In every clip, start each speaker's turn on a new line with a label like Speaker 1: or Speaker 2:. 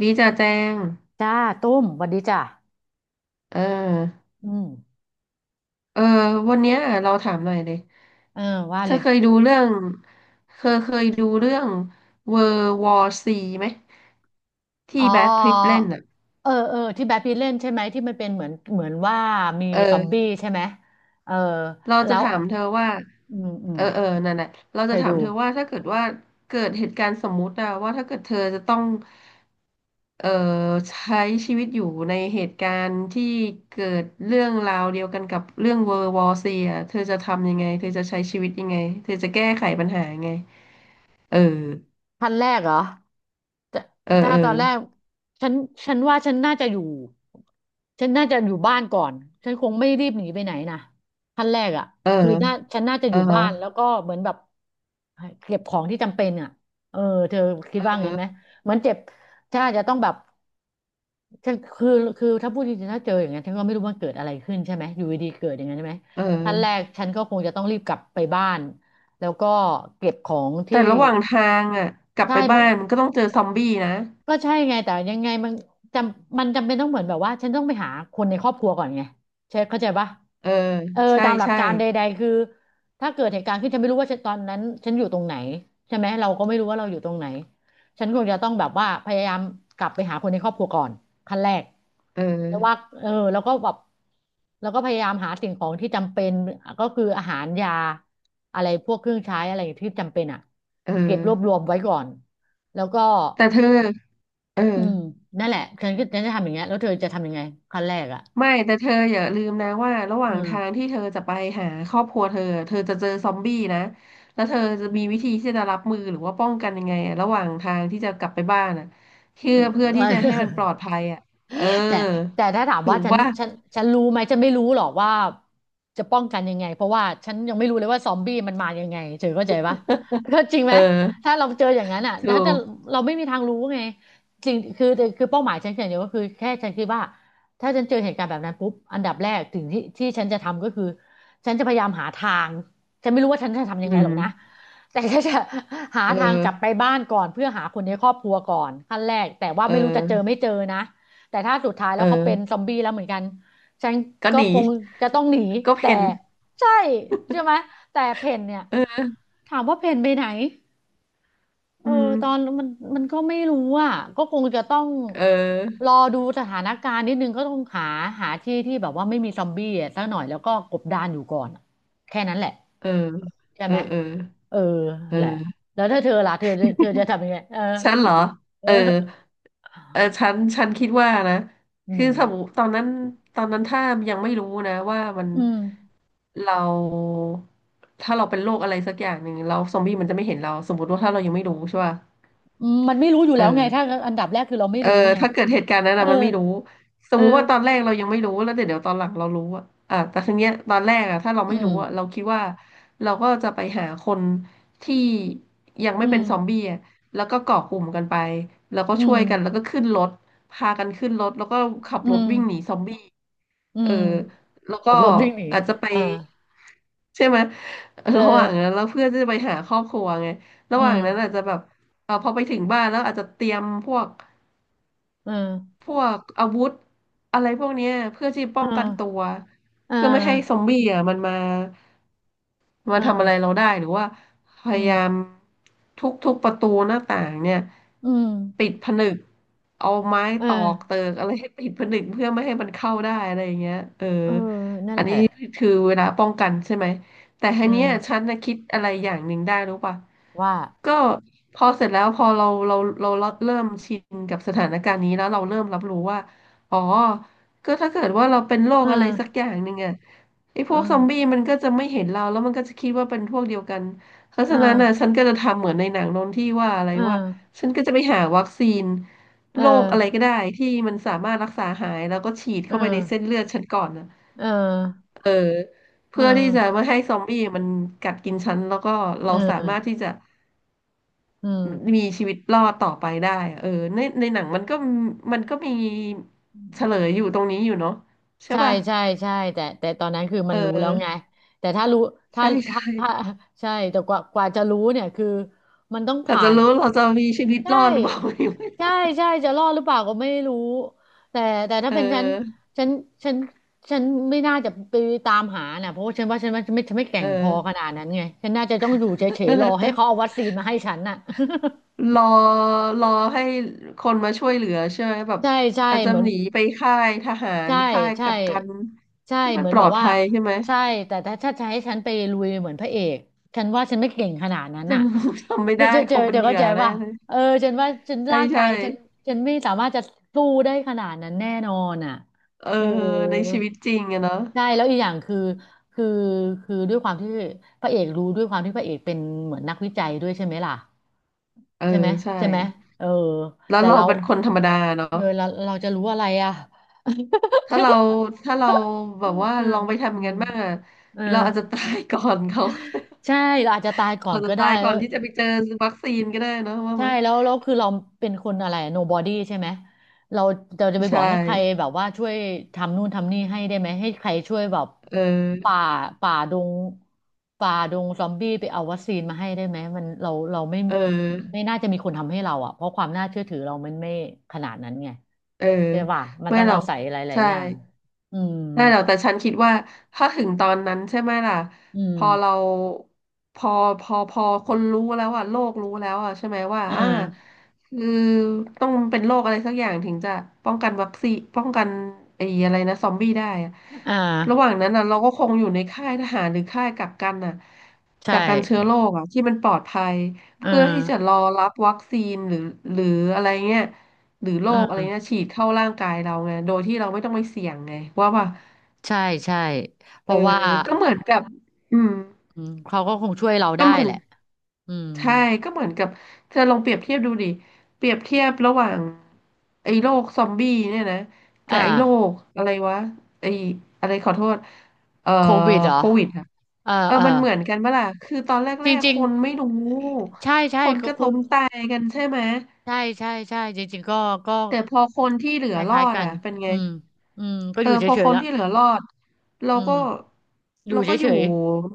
Speaker 1: ดีจ่าแจง
Speaker 2: จ้า ตุ้มสวันดีจ้า
Speaker 1: เออ
Speaker 2: อืม
Speaker 1: เออวันเนี้ยเราถามหน่อยเลย
Speaker 2: เออว่า
Speaker 1: เธ
Speaker 2: เล
Speaker 1: อ
Speaker 2: ย
Speaker 1: เคยดูเรื่องเคยดูเรื่อง World War C ไหม
Speaker 2: อ๋
Speaker 1: ที่
Speaker 2: อ
Speaker 1: แบทพิตต์เล่นอ่ะ
Speaker 2: เออ เออ ที่แบทพีทเล่นใช่ไหม ที่มันเป็นเหมือน เหมือนว่ามี
Speaker 1: เอ
Speaker 2: ซอมบี้
Speaker 1: อ
Speaker 2: ใช่ไหม เออ
Speaker 1: เรา
Speaker 2: แล้
Speaker 1: จะ
Speaker 2: ว
Speaker 1: ถามเธอว่า
Speaker 2: อืม อื
Speaker 1: เอ
Speaker 2: ม
Speaker 1: อเออนั่นแหละเรา
Speaker 2: เค
Speaker 1: จะ
Speaker 2: ย
Speaker 1: ถาม
Speaker 2: ดู
Speaker 1: เธอว่าถ้าเกิดว่าเกิดเหตุการณ์สมมุติอะว่าถ้าเกิดเธอจะต้องเอ่อใช้ชีวิตอยู่ในเหตุการณ์ที่เกิดเรื่องราวเดียวกันกับเรื่องเวอร์วอซีอะเธอจะทำยังไงเธอจะใช้ชีวิตยังไงเธอจะแก้ไขปัญหายังไงเออ
Speaker 2: พันแรกเหรอแต่
Speaker 1: เออ
Speaker 2: ถ้า
Speaker 1: เออ
Speaker 2: ตอนแรกฉันฉันว่าฉันน่าจะอยู่ฉันน่าจะอยู่บ้านก่อนฉันคงไม่รีบหนีไปไหนนะพันแรกอ่ะ
Speaker 1: เออ
Speaker 2: คือน่าฉันน่าจะอ
Speaker 1: เออ
Speaker 2: ยู่บ้านแล้วก็เหมือนแบบเก็บของที่จำเป็นอ่ะเออเธอคิด
Speaker 1: เ
Speaker 2: ว่าไงไหม
Speaker 1: ออ
Speaker 2: เหมือนเจ็บฉันอาจจะต้องแบบฉันคือคือถ้าพูดจริงๆถ้าเจออย่างนั้นฉันก็ไม่รู้ว่าเกิดอะไรขึ้นใช่ไหมอยู่ดีๆเกิดอย่างนั้นใช่ไหม
Speaker 1: เอ
Speaker 2: ขั้นแรก
Speaker 1: อ
Speaker 2: ฉันก็คงจะต้องรีบกลับไปบ้าน แล้วก็เก็บของที่
Speaker 1: แต่ระหว่างทางอ่ะกลับ
Speaker 2: ใช่
Speaker 1: ไป
Speaker 2: มั
Speaker 1: บ้า
Speaker 2: น
Speaker 1: นมันก็ต้องเจอซอมบี้นะ
Speaker 2: ก็ใช่ไงแต่ยังไงมันจำเป็นต้องเหมือนแบบว่าฉันต้องไปหาคนในครอบครัวก่อนไงใช่เข้าใจปะ
Speaker 1: เออ
Speaker 2: เออ
Speaker 1: ใช่
Speaker 2: ตามหลัก
Speaker 1: ใช่
Speaker 2: การใดๆคือถ้าเกิดเหตุการณ์ขึ้นฉันไม่รู้ว่าตอนนั้นฉันอยู่ตรงไหนใช่ไหมเราก็ไม่รู้ว่าเราอยู่ตรงไหนฉันคงจะต้องแบบว่าพยายามกลับไปหาคนในครอบครัวก่อนขั้นแรก
Speaker 1: เอ
Speaker 2: แล้วว่า
Speaker 1: อ
Speaker 2: เออแล้วก็แบบแล้วก็พยายามหาสิ่งของที่จำเป็นก็คืออาหารยาอะไรพวกเครื่องใช้อะไรที่จำเป็นอ่ะ
Speaker 1: เออ
Speaker 2: เก็บรวบรวมไว้ก่อนแล้วก็
Speaker 1: แต่เธอเออ
Speaker 2: อืมนั่นแหละฉันก็ฉันจะทำอย่างเงี้ยแล้วเธอจะทำยังไงขั้นแรกอ่ะ
Speaker 1: ไม่แต่เธออย่าลืมนะว่าระ
Speaker 2: อ
Speaker 1: หว่า
Speaker 2: อ
Speaker 1: ง
Speaker 2: ม
Speaker 1: ทางที่เธอจะไปหาครอบครัวเธอเธอจะเจอซอมบี้นะแล้วเธอจะมีวิธีที่จะรับมือหรือว่าป้องกันยังไงอะระหว่างทางที่จะกลับไปบ้านอ่ะเพื่อ
Speaker 2: มัน เอ
Speaker 1: เพื่อ
Speaker 2: อ
Speaker 1: ที่จะให้มันปลอดภัยอ่ะเออ
Speaker 2: แต่แต่ถ้าถาม
Speaker 1: ถู
Speaker 2: ว่า
Speaker 1: ก
Speaker 2: ฉัน
Speaker 1: ว่า
Speaker 2: ฉันฉันรู้ไหมฉันไม่รู้หรอกว่าจะป้องกันยังไงเพราะว่าฉันยังไม่รู้เลยว่าซอมบี้มันมายังไงเธอเข้าใจปะก็จริงไหม
Speaker 1: เออ
Speaker 2: ถ้าเราเจออย่างนั้นอ่ะ
Speaker 1: ถู
Speaker 2: ถ้าจะ
Speaker 1: ก
Speaker 2: เราไม่มีทางรู้ไงจริงคือคือเป้าหมายฉันอย่างเดียวก็คือแค่ฉันคิดว่าถ้าฉันเจอเหตุการณ์แบบนั้นปุ๊บอันดับแรกถึงที่ที่ฉันจะทำก็คือฉันจะพยายามหาทางฉันไม่รู้ว่าฉันจะทำยั
Speaker 1: อื
Speaker 2: งไงหรอ
Speaker 1: ม
Speaker 2: กนะแต่ก็จะหา
Speaker 1: เอ
Speaker 2: ทางกลับไป
Speaker 1: อ
Speaker 2: บ้านก่อนเพื่อหาคนในครอบครัวก่อนขั้นแรกแต่ว่า
Speaker 1: เ
Speaker 2: ไม่รู้จะเจอ
Speaker 1: ออ
Speaker 2: ไม่เจอนะ แต่ถ้าสุดท้าย
Speaker 1: เ
Speaker 2: แล้วเขาเป็น
Speaker 1: ออ
Speaker 2: ซอมบี้แล้วเหมือนกันฉัน
Speaker 1: ก็
Speaker 2: ก็
Speaker 1: หนี
Speaker 2: คงจะต้องหนี
Speaker 1: ก็
Speaker 2: แต่
Speaker 1: เพ่น
Speaker 2: ใช่ใช่ไหมแต่เพนเนี่ย
Speaker 1: เออ
Speaker 2: ถามว่าเพนไปไหนเอ
Speaker 1: อื
Speaker 2: อ
Speaker 1: ม
Speaker 2: ตอนมันมันก็ไม่รู้อ่ะก็คงจะต้อง
Speaker 1: เอ
Speaker 2: ร
Speaker 1: อ
Speaker 2: อดูสถานการณ์นิดนึงก็ต้องหาหาที่ที่แบบว่าไม่มีซอมบี้อะสักหน่อยแล้วก็กบดานอยู่ก่อนอะแค่นั้นแหละ
Speaker 1: เออ
Speaker 2: ใช่
Speaker 1: เอ
Speaker 2: ไห
Speaker 1: อ
Speaker 2: ม
Speaker 1: เออ
Speaker 2: เออ
Speaker 1: เอ
Speaker 2: แหละ
Speaker 1: อ
Speaker 2: แล้วถ้าเธอล่ะเธอจะทำยังไงเออ
Speaker 1: ฉันเหรอเออ
Speaker 2: เออ
Speaker 1: เออฉันคิดว่านะ
Speaker 2: อื
Speaker 1: คือ
Speaker 2: ม
Speaker 1: สมมติตอนนั้นตอนนั้นถ้ายังไม่รู้นะว่ามัน
Speaker 2: อืม
Speaker 1: เราถ้าเราเป็นโรคอะไรสักอย่างหนึ่งเราซอมบี้มันจะไม่เห็นเรา สมมติว่าถ้าเรายังไม่รู้ใช่ป่ะ
Speaker 2: อืมมันไม่รู้อยู่
Speaker 1: เอ
Speaker 2: แล้วไง
Speaker 1: อ
Speaker 2: ถ้าอันดับแรกคือเราไม่
Speaker 1: เออ
Speaker 2: รู้ไง
Speaker 1: ถ้าเกิดเหตุการณ์นั้น
Speaker 2: เออ
Speaker 1: อะมันไม่รู้ส
Speaker 2: เอ
Speaker 1: ม
Speaker 2: อ
Speaker 1: มุติว่าตอนแรกเรายังไม่รู้แล้วเดี๋ยวตอนหลังเรารู้อะอ่ะแต่ทีเนี้ยตอนแรกอะถ้าเรา
Speaker 2: อื
Speaker 1: ไม่
Speaker 2: ม
Speaker 1: รู้อะเราคิดว่าเราก็จะไปหาคนที่ยังไม่
Speaker 2: อื
Speaker 1: เป็
Speaker 2: ม
Speaker 1: นซอมบี้อะแล้วก็เกาะกลุ่มกันไปแล้วก็
Speaker 2: อื
Speaker 1: ช่
Speaker 2: ม
Speaker 1: วยกันแล้วก็ขึ้นรถพากันขึ้นรถแล้วก็ขับ
Speaker 2: อื
Speaker 1: รถ
Speaker 2: ม
Speaker 1: วิ่งหนีซอมบี้
Speaker 2: อื
Speaker 1: เออ
Speaker 2: ม
Speaker 1: แล้วก็
Speaker 2: ขับรถวิ่งหนี
Speaker 1: อาจจะไป
Speaker 2: อ่า
Speaker 1: ใช่ไหม
Speaker 2: เอ
Speaker 1: ระหว่า
Speaker 2: อ
Speaker 1: งนั้นแล้วเพื่อนจะไปหาครอบครัวไงระ
Speaker 2: อื
Speaker 1: หว่า
Speaker 2: ม
Speaker 1: งนั้นอาจจะแบบเออพอไปถึงบ้านแล้วอาจจะเตรียมพวก
Speaker 2: เออ
Speaker 1: พวกอาวุธอะไรพวกเนี้ยเพื่อที่
Speaker 2: เอ
Speaker 1: ป้องกันตัว
Speaker 2: อเอ
Speaker 1: เพื่อไม่ให้ซอ
Speaker 2: อ
Speaker 1: มบี้อ่ะมันมา
Speaker 2: เอ
Speaker 1: มาทำอะไร
Speaker 2: อ
Speaker 1: เราได้หรือว่าพ
Speaker 2: อื
Speaker 1: ยา
Speaker 2: ม
Speaker 1: ยามทุกประตูหน้าต่างเนี่ย
Speaker 2: อืม
Speaker 1: ติดผนึกเอาไม้
Speaker 2: เออ
Speaker 1: ตอกเติกอะไรให้ติดผนึกเพื่อไม่ให้มันเข้าได้อะไรอย่างเงี้ยเออ
Speaker 2: เออนั่น
Speaker 1: อัน
Speaker 2: แหละ
Speaker 1: นี้คือเวลาป้องกันใช่ไหม แต่ที
Speaker 2: เอ
Speaker 1: เนี้ยฉั
Speaker 2: อ
Speaker 1: นนะคิดอะไรอย่างหนึ่งได้รู้ป่ะ
Speaker 2: ว่า
Speaker 1: ก็พอเสร็จแล้วพอเราเราเริ่มชินกับสถานการณ์นี้แล้วเราเริ่มรับรู้ว่าอ๋อก็ถ้าเกิดว่าเราเป็นโร
Speaker 2: เอ
Speaker 1: คอะไรสัก
Speaker 2: อ
Speaker 1: อย่างหนึ่งอ่ะไอ้พ
Speaker 2: เอ
Speaker 1: ว
Speaker 2: อ
Speaker 1: กซอมบี้มันก็จะไม่เห็นเราแล้วมันก็จะคิดว่าเป็นพวกเดียวกันเพราะ
Speaker 2: เออ
Speaker 1: ฉะนั้นน่ะฉันก็จะทำเหมือนในหนังโน้นที่ว่าอะไร
Speaker 2: เ
Speaker 1: ว่าฉันก็จะไปหาวัคซีน
Speaker 2: อ
Speaker 1: โรคอะไร
Speaker 2: อ
Speaker 1: ก็ได้ที่มันสามารถรักษาหายแล้วก็ฉีด
Speaker 2: เออ
Speaker 1: เข้า
Speaker 2: เอ
Speaker 1: ไปใน
Speaker 2: อ
Speaker 1: เส้นเลือดฉันก่อนนะ
Speaker 2: เออ
Speaker 1: เออ
Speaker 2: เอ
Speaker 1: เพื่อที่จะไม่ให้ซอมบี้มันกัดกินฉันแล้วก็เราสามารถ
Speaker 2: อ
Speaker 1: ที่จะ
Speaker 2: เออ
Speaker 1: มีชีวิตรอดต่อไปได้อะเออในหนังมันก็มีเฉลยอยู่ตรงนี้อยู่เนาะใช่
Speaker 2: ใช่
Speaker 1: ป่ะ
Speaker 2: ใช่ใช่แต่แต่ตอนนั้นคือมั
Speaker 1: เอ
Speaker 2: นรู้แล้วไง
Speaker 1: อ
Speaker 2: แต่ถ้ารู้ถ้า
Speaker 1: ใช่
Speaker 2: ถ้า
Speaker 1: ใช่
Speaker 2: ถ้าใช่แต่กว่าจะรู้เนี่ยคือมันต้อง
Speaker 1: เรา
Speaker 2: ผ่า
Speaker 1: จะ
Speaker 2: น
Speaker 1: รู้เราจะมีชีวิต
Speaker 2: ใช
Speaker 1: รอดหรือเปล่า
Speaker 2: ่ใช่ใช่จะรอดหรือเปล่าก็ไม่รู้แต่แต่
Speaker 1: เ
Speaker 2: ถ้าเป็น
Speaker 1: ออ
Speaker 2: ฉันฉันฉันไม่น่าจะไปตามหาน่ะเพราะว่าฉันว่าไม่แกร่
Speaker 1: เอ
Speaker 2: งพอข
Speaker 1: อ
Speaker 2: นาดนั้นไงฉันน่าจะต้องอยู่เฉยๆรอให้เขาเอาวัคซีนมาให้ฉันน่ะ
Speaker 1: รอรอให้คนมาช่วยเหลือใช่ไหมแบ บ
Speaker 2: ใช่ใช่
Speaker 1: อาจจะ
Speaker 2: เหมือน
Speaker 1: หนีไปค่ายทหาร
Speaker 2: ใช่
Speaker 1: ค่าย
Speaker 2: ใช่
Speaker 1: กักกัน
Speaker 2: ใช่
Speaker 1: ที่มั
Speaker 2: เห
Speaker 1: น
Speaker 2: มือ
Speaker 1: ป
Speaker 2: น
Speaker 1: ล
Speaker 2: แบ
Speaker 1: อ
Speaker 2: บ
Speaker 1: ด
Speaker 2: ว่า
Speaker 1: ภัยใช่ไหม
Speaker 2: ใช่แต่ถ้าจะให้ฉันไปลุยเหมือนพระเอกฉันว่าฉันไม่เก่งขนาดนั้ น
Speaker 1: แต่
Speaker 2: น่ะ
Speaker 1: ผมจำไม่
Speaker 2: เพื่
Speaker 1: ได้
Speaker 2: อจะ
Speaker 1: ค
Speaker 2: เจอ
Speaker 1: งเป็น
Speaker 2: เดี๋ยว
Speaker 1: เหยื่
Speaker 2: เข้า
Speaker 1: อ
Speaker 2: ใจ
Speaker 1: แน่
Speaker 2: ป่ะ
Speaker 1: เลย
Speaker 2: เออฉันว่าฉัน
Speaker 1: ใช่
Speaker 2: ร่างกา
Speaker 1: ใช่
Speaker 2: ยฉันฉันไม่สามารถจะสู้ได้ขนาดนั้นแน่นอนอ่ะ
Speaker 1: เออ
Speaker 2: เออ
Speaker 1: ในชีวิตจริงอะเนาะ
Speaker 2: ใช่แล้วอีกอย่างคือคือคือด้วยความที่พระเอกรู้ด้วยความที่พระเอกเป็นเหมือนนักวิจัยด้วยใช่ไหมล่ะ
Speaker 1: เออ
Speaker 2: ใช่ไหม
Speaker 1: ใช่
Speaker 2: ใช่ไหมเออ
Speaker 1: แล้ว
Speaker 2: แต่
Speaker 1: เรา
Speaker 2: เรา
Speaker 1: เป็นคนธรรมดาเนาะ
Speaker 2: เออเราจะรู้อะไรอ่ะ
Speaker 1: ถ้าเราถ้าเรา แบ
Speaker 2: อื
Speaker 1: บ
Speaker 2: ม
Speaker 1: ว่าลองไปทำอ
Speaker 2: อื
Speaker 1: ย่าง
Speaker 2: ม
Speaker 1: นั้นบ้างอะ
Speaker 2: เออ
Speaker 1: เราอาจจะตายก่อนเขา
Speaker 2: ใช่เราอาจจะตายก่ อ
Speaker 1: อา
Speaker 2: น
Speaker 1: จจะ
Speaker 2: ก็ได้
Speaker 1: ตายก่
Speaker 2: แล้
Speaker 1: อ
Speaker 2: ว
Speaker 1: นที่จะไปเจอวัคซีนก็ได้เนาะว่า
Speaker 2: ใช่
Speaker 1: ไหม
Speaker 2: แล้วแล้วคือเราเป็นคนอะไร nobody ใช่ไหมเราเราจะไปบ
Speaker 1: ใช่
Speaker 2: อกให้ใครแบบว่าช่วยทำนู่นทำนี่ให้ได้ไหมให้ใครช่วยแบบ
Speaker 1: เอ
Speaker 2: ป่า
Speaker 1: อ
Speaker 2: ป่าดงป่าดงซอมบี้ไปเอาวัคซีนมาให้ได้ไหมมันเราเราไม่
Speaker 1: เอ
Speaker 2: ไม่
Speaker 1: อ
Speaker 2: น่าจะมีคนทำให้เราอ่ะเพราะความน่าเชื่อถือเรามันไม่ขนาดนั้นไง
Speaker 1: เออ
Speaker 2: ใช่ป่ะมัน
Speaker 1: ไม่
Speaker 2: ต้อง
Speaker 1: หรอ
Speaker 2: อา
Speaker 1: ก
Speaker 2: ศัยหลาย
Speaker 1: ใช่
Speaker 2: ๆอย่างอืม
Speaker 1: ได้แล้วแต่ฉันคิดว่าถ้าถึงตอนนั้นใช่ไหมล่ะ
Speaker 2: อื
Speaker 1: พ
Speaker 2: ม
Speaker 1: อเราพอพอคนรู้แล้วอ่ะโลกรู้แล้วอ่ะใช่ไหมว่า
Speaker 2: อ่
Speaker 1: อ่า
Speaker 2: า
Speaker 1: คือต้องเป็นโรคอะไรสักอย่างถึงจะป้องกันวัคซีนป้องกันไอ้อะไรนะซอมบี้ได้อะ
Speaker 2: อ่
Speaker 1: ระหว่าง
Speaker 2: า
Speaker 1: นั้นอ่ะเราก็คงอยู่ในค่ายทหารหรือค่ายกักกันอ่ะ
Speaker 2: ใช่
Speaker 1: กักกันเชื้อโรคอ่ะที่มันปลอดภัย
Speaker 2: เออ
Speaker 1: เพื่อที่จะรอรับวัคซีนหรือหรืออะไรเงี้ยหรือโร
Speaker 2: เ
Speaker 1: คอะไร
Speaker 2: ออ
Speaker 1: เงี้ยฉีดเข้าร่างกายเราไงโดยที่เราไม่ต้องไปเสี่ยงไงว่า
Speaker 2: ใช่ใช่เพ
Speaker 1: เออ
Speaker 2: ราะว่า
Speaker 1: ก็เหมือนกับอืม
Speaker 2: อืมเขาก็คงช่วยเรา
Speaker 1: ก็
Speaker 2: ได้
Speaker 1: เหมือ
Speaker 2: แห
Speaker 1: น
Speaker 2: ละอืม
Speaker 1: ใช่ก็เหมือนกับเธอลองเปรียบเทียบดูดิ เปรียบเทียบระหว่างไอ้โรคซอมบี้เนี่ยนะกับ
Speaker 2: อ่า
Speaker 1: ไอ้โรคอะไรวะไอ้อะไรขอโทษเอ่อ
Speaker 2: โควิดเหร
Speaker 1: โค
Speaker 2: อ
Speaker 1: วิดอะ
Speaker 2: เออ
Speaker 1: เออ
Speaker 2: เออ
Speaker 1: มันเหมือนกันปะล่ะคือตอนแร
Speaker 2: จ
Speaker 1: ก
Speaker 2: ริ
Speaker 1: ๆ ค
Speaker 2: ง
Speaker 1: นไม่
Speaker 2: ๆ
Speaker 1: รู้
Speaker 2: ใช่ใช่
Speaker 1: คน
Speaker 2: ก็
Speaker 1: ก็
Speaker 2: คุ
Speaker 1: ล้
Speaker 2: ณ
Speaker 1: มตายกันใช่ไหม
Speaker 2: ใช่ใช่ใช่จริงๆก็ก็
Speaker 1: แต่พอคนที่เหลื
Speaker 2: ค
Speaker 1: อร
Speaker 2: ล้าย
Speaker 1: อ
Speaker 2: ๆ
Speaker 1: ด
Speaker 2: กัน
Speaker 1: อ่ะเป็นไง
Speaker 2: อืมอืมก็อ
Speaker 1: เออ
Speaker 2: ยู่เฉ
Speaker 1: พอค
Speaker 2: ยๆ
Speaker 1: น
Speaker 2: ละ
Speaker 1: ที่เหลือรอดเรา
Speaker 2: อืม
Speaker 1: ก็
Speaker 2: อยู่
Speaker 1: เรา
Speaker 2: เฉ
Speaker 1: ก็อยู่
Speaker 2: ย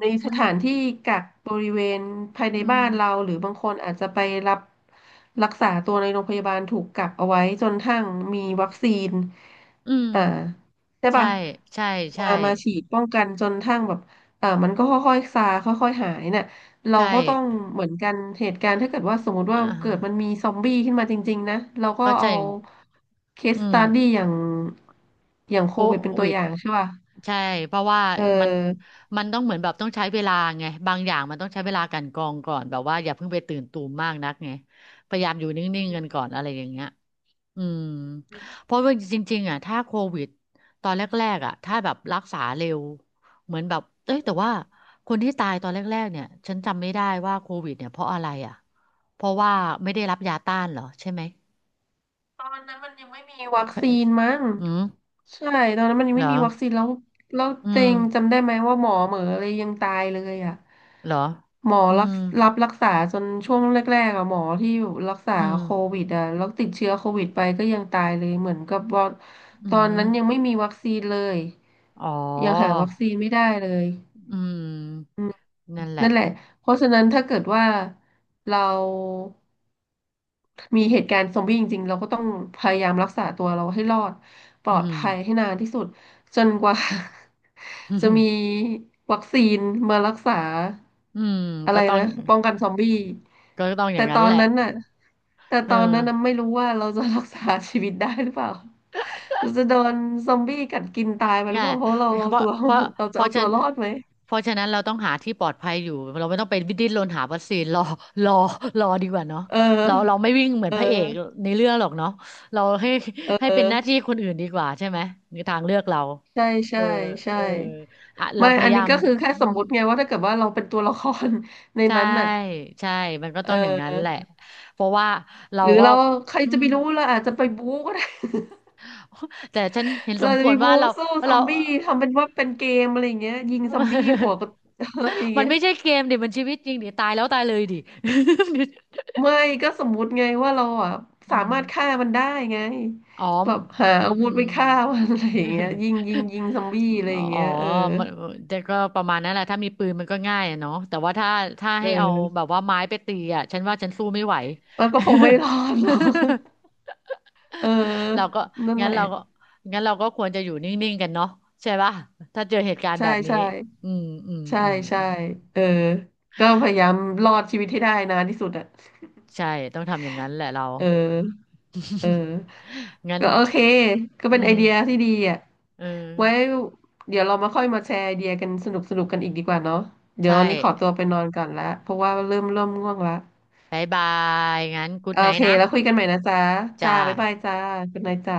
Speaker 1: ใน
Speaker 2: อื
Speaker 1: ส
Speaker 2: ม
Speaker 1: ถานที่กักบริเวณภายใน
Speaker 2: อื
Speaker 1: บ้า
Speaker 2: ม
Speaker 1: นเราหรือบางคนอาจจะไปรับรักษาตัวในโรงพยาบาลถูกกักเอาไว้จนทั้งมีวัคซีน
Speaker 2: อืม
Speaker 1: อ่าใช่
Speaker 2: ใช่
Speaker 1: ป่ะ
Speaker 2: ใช่ใช่
Speaker 1: มาฉีดป้องกันจนทั้งแบบเออมันก็ค่อยๆซาค่อยๆหายน่ะ เรา
Speaker 2: ใช่
Speaker 1: ก็ต้องเหมือนกันเหตุการณ์ถ้าเกิดว่าสมมติ
Speaker 2: อ่
Speaker 1: ว่าเกิดมัน
Speaker 2: า
Speaker 1: มีซอมบี้ขึ้นมาจริงๆนะเราก็
Speaker 2: ก็จ
Speaker 1: เอา
Speaker 2: ริง
Speaker 1: เคส
Speaker 2: อื
Speaker 1: ส
Speaker 2: ม
Speaker 1: ตัดดี้อย่างอย่าง
Speaker 2: โค
Speaker 1: โควิดเป็นตัว
Speaker 2: วิด
Speaker 1: อย่างใช่ป่ะ
Speaker 2: ใช่เพราะว่า
Speaker 1: เออ
Speaker 2: มันมันต้องเหมือนแบบต้องใช้เวลาไงบางอย่างมันต้องใช้เวลากลันกรองก่อนแบบว่าอย่าเพิ่งไปตื่นตูมมากนักไงพยายามอยู่นิ่งๆกันก่อนอะไรอย่างเงี้ยอืมเพราะว่าจริงๆอ่ะถ้าโควิดตอนแรกๆอ่ะถ้าแบบรักษาเร็วเหมือนแบบเอ้ยแต่ว่าคนที่ตายตอนแรกๆเนี่ยฉันจำไม่ได้ว่าโควิดเนี่ยเพราะอะไรอ่ะเพราะว่าไม่ได้รับยาต้านเหรอใช่ไหม
Speaker 1: ตอนนั้นมันยังไม่มีวัคซีนมั้ง
Speaker 2: อืม
Speaker 1: ใช่ตอนนั้นมันยัง
Speaker 2: เหร
Speaker 1: ไม่
Speaker 2: อ
Speaker 1: มีวัคซีนแล้วแล้ว
Speaker 2: อื
Speaker 1: เต็
Speaker 2: ม
Speaker 1: งจำได้ไหมว่าหมอเหมออะไรยังตายเลยอ่ะ
Speaker 2: เหรอ
Speaker 1: หมอ
Speaker 2: อื
Speaker 1: รัก
Speaker 2: ม
Speaker 1: รับรักษาจนช่วงแรกๆอ่ะหมอที่รักษา
Speaker 2: อืม
Speaker 1: โควิดอ่ะแล้วติดเชื้อโควิดไปก็ยังตายเลยเหมือนกับว่า
Speaker 2: อื
Speaker 1: ตอน
Speaker 2: ม
Speaker 1: นั้นยังไม่มีวัคซีนเลย
Speaker 2: อ๋อ
Speaker 1: ยังหาวัคซีนไม่ได้เลย
Speaker 2: อืม
Speaker 1: อื
Speaker 2: นั่นแห
Speaker 1: นั่
Speaker 2: ละ
Speaker 1: นแหละ เพราะฉะนั้นถ้าเกิดว่าเรามีเหตุการณ์ซอมบี้จริงๆเราก็ต้องพยายามรักษาตัวเราให้รอดปล
Speaker 2: อื
Speaker 1: อด
Speaker 2: ม
Speaker 1: ภัยให้นานที่สุดจนกว่า จะมี วัคซีนมารักษา
Speaker 2: อืม
Speaker 1: อะ
Speaker 2: ก็
Speaker 1: ไร
Speaker 2: ต้อง
Speaker 1: นะป้องกันซอมบี้
Speaker 2: ก็ต้องอย่า
Speaker 1: แต่
Speaker 2: ง
Speaker 1: ต
Speaker 2: นั้
Speaker 1: อ
Speaker 2: นแห
Speaker 1: น
Speaker 2: ละ
Speaker 1: นั้นน่ะแต่
Speaker 2: เอ
Speaker 1: ต
Speaker 2: อ
Speaker 1: อนนั้นน่ะไม่รู้ว่าเราจะรักษาชีวิตได้หรือเปล่าเราจะโดนซอมบี้กัดกินตายไปหรือ
Speaker 2: ง่า
Speaker 1: เป
Speaker 2: ย
Speaker 1: ล่าเพราะเรา
Speaker 2: เพ
Speaker 1: เอา
Speaker 2: ราะ
Speaker 1: ตัว
Speaker 2: เพราะ
Speaker 1: เรา
Speaker 2: เพ
Speaker 1: จะ
Speaker 2: ราะ
Speaker 1: เอา
Speaker 2: ฉะ
Speaker 1: ตั
Speaker 2: นั
Speaker 1: ว
Speaker 2: น
Speaker 1: รอดไหม
Speaker 2: เพราะฉะนั้นเราต้องหาที่ปลอดภัยอยู่เราไม่ต้องไปดิ้นรนหาวัคซีน รอรอดีกว่าเนาะ
Speaker 1: เออ
Speaker 2: เราไม่วิ่งเหมือ
Speaker 1: เอ
Speaker 2: นพระเอก
Speaker 1: อ
Speaker 2: ในเรื่องหรอกเนาะเราให้
Speaker 1: เอ
Speaker 2: ให้
Speaker 1: อ
Speaker 2: เป็นหน้าที่คนอื่นดีกว่าใช่ไหมในทางเลือกเรา
Speaker 1: ใช่
Speaker 2: เออ
Speaker 1: ใช่ใช่
Speaker 2: เอออ่ะเรา
Speaker 1: ไม่
Speaker 2: พ
Speaker 1: อั
Speaker 2: ยา
Speaker 1: น
Speaker 2: ยา
Speaker 1: นี้
Speaker 2: ม
Speaker 1: ก็คือแค่
Speaker 2: อื
Speaker 1: สม
Speaker 2: ม
Speaker 1: มุติไงว่าถ้าเกิดว่าเราเป็นตัวละคร ใน
Speaker 2: ใช่
Speaker 1: นั้นน่ะ
Speaker 2: ใช่ มันก็
Speaker 1: เ
Speaker 2: ต้องอย่างนั้นแหละ
Speaker 1: ออ
Speaker 2: เพราะว่าเรา
Speaker 1: หรือ
Speaker 2: ก็
Speaker 1: เราใคร
Speaker 2: อื
Speaker 1: จะ
Speaker 2: ม
Speaker 1: ไปรู้เราอาจจะไปบู๊ก็ได้
Speaker 2: แต่ฉันเห็น ส
Speaker 1: เรา
Speaker 2: มค
Speaker 1: จะ
Speaker 2: ว
Speaker 1: ไป
Speaker 2: รว่า
Speaker 1: บู๊
Speaker 2: เรา
Speaker 1: สู้ซอ
Speaker 2: เรา
Speaker 1: มบี้ทำเป็นว่าเป็นเกมอะไรอย่างเงี้ยยิงซอมบี้หัว ก็ อะไรอย่าง
Speaker 2: มัน
Speaker 1: เงี้ย
Speaker 2: ไม่ใช่เกมดิมันชีวิตจริงดิตายแล้วตายเลยดิ
Speaker 1: ไม่ก็สมมุติไงว่าเราอ่ะ
Speaker 2: อื
Speaker 1: สา
Speaker 2: ม
Speaker 1: มารถฆ่ามันได้ไง
Speaker 2: อ๋อ
Speaker 1: แบบหาอา
Speaker 2: อื
Speaker 1: วุธ
Speaker 2: ม
Speaker 1: ไปฆ่ามันอะไรอย่างเงี้ยยิงซอมบี้อะไร อย่าง
Speaker 2: อ๋อ
Speaker 1: เงี้ยเออ
Speaker 2: มันแต่ก็ประมาณนั้นแหละถ้ามีปืนมันก็ง่ายอะเนาะแต่ว่าถ้า
Speaker 1: เ
Speaker 2: ให้เอา
Speaker 1: ออ
Speaker 2: แบบว่าไม้ไปตีอ่ะฉันว่าฉันสู้ไม่ไหว
Speaker 1: มันก็คงไม่รอดหรอก เ
Speaker 2: เรา
Speaker 1: ออ
Speaker 2: ก็
Speaker 1: นั่นแห
Speaker 2: งั้น
Speaker 1: ละ
Speaker 2: เราก็งั้นเราก็ควรจะอยู่นิ่งๆกันเนาะใช่ป่ะถ้าเจอเหตุการณ์
Speaker 1: ใช่
Speaker 2: แบบนี้
Speaker 1: ใช่
Speaker 2: อืมอืม
Speaker 1: ใช่
Speaker 2: อืม
Speaker 1: ใช่
Speaker 2: อืม
Speaker 1: เออก็พยายามรอดชีวิตให้ได้นานที่สุดอ่ะ
Speaker 2: ใช่ต้องทำอย่างนั้นแหละเรา
Speaker 1: เออเออ
Speaker 2: งั้น
Speaker 1: ก็โอเคก็
Speaker 2: อื
Speaker 1: เป็นไอเดีย
Speaker 2: ม
Speaker 1: ที่ดีอ่ะ
Speaker 2: เออ
Speaker 1: ไว้เดี๋ยวเรามาค่อยมาแชร์ไอเดียกันสนุกสนุกกันอีกดีกว่าเนาะเดี๋ยว
Speaker 2: ใช่
Speaker 1: วันนี้ขอตัวไปนอนก่อนละเพราะว่าเริ่มง่วงละ
Speaker 2: บ๊ายบายงั้นกูด
Speaker 1: โอ
Speaker 2: ไนท์
Speaker 1: เค
Speaker 2: นะ
Speaker 1: แล้วคุยกันใหม่นะจ๊ะ
Speaker 2: จ้า
Speaker 1: จ้าบ๊ายบายจ้าคุณนายจ้า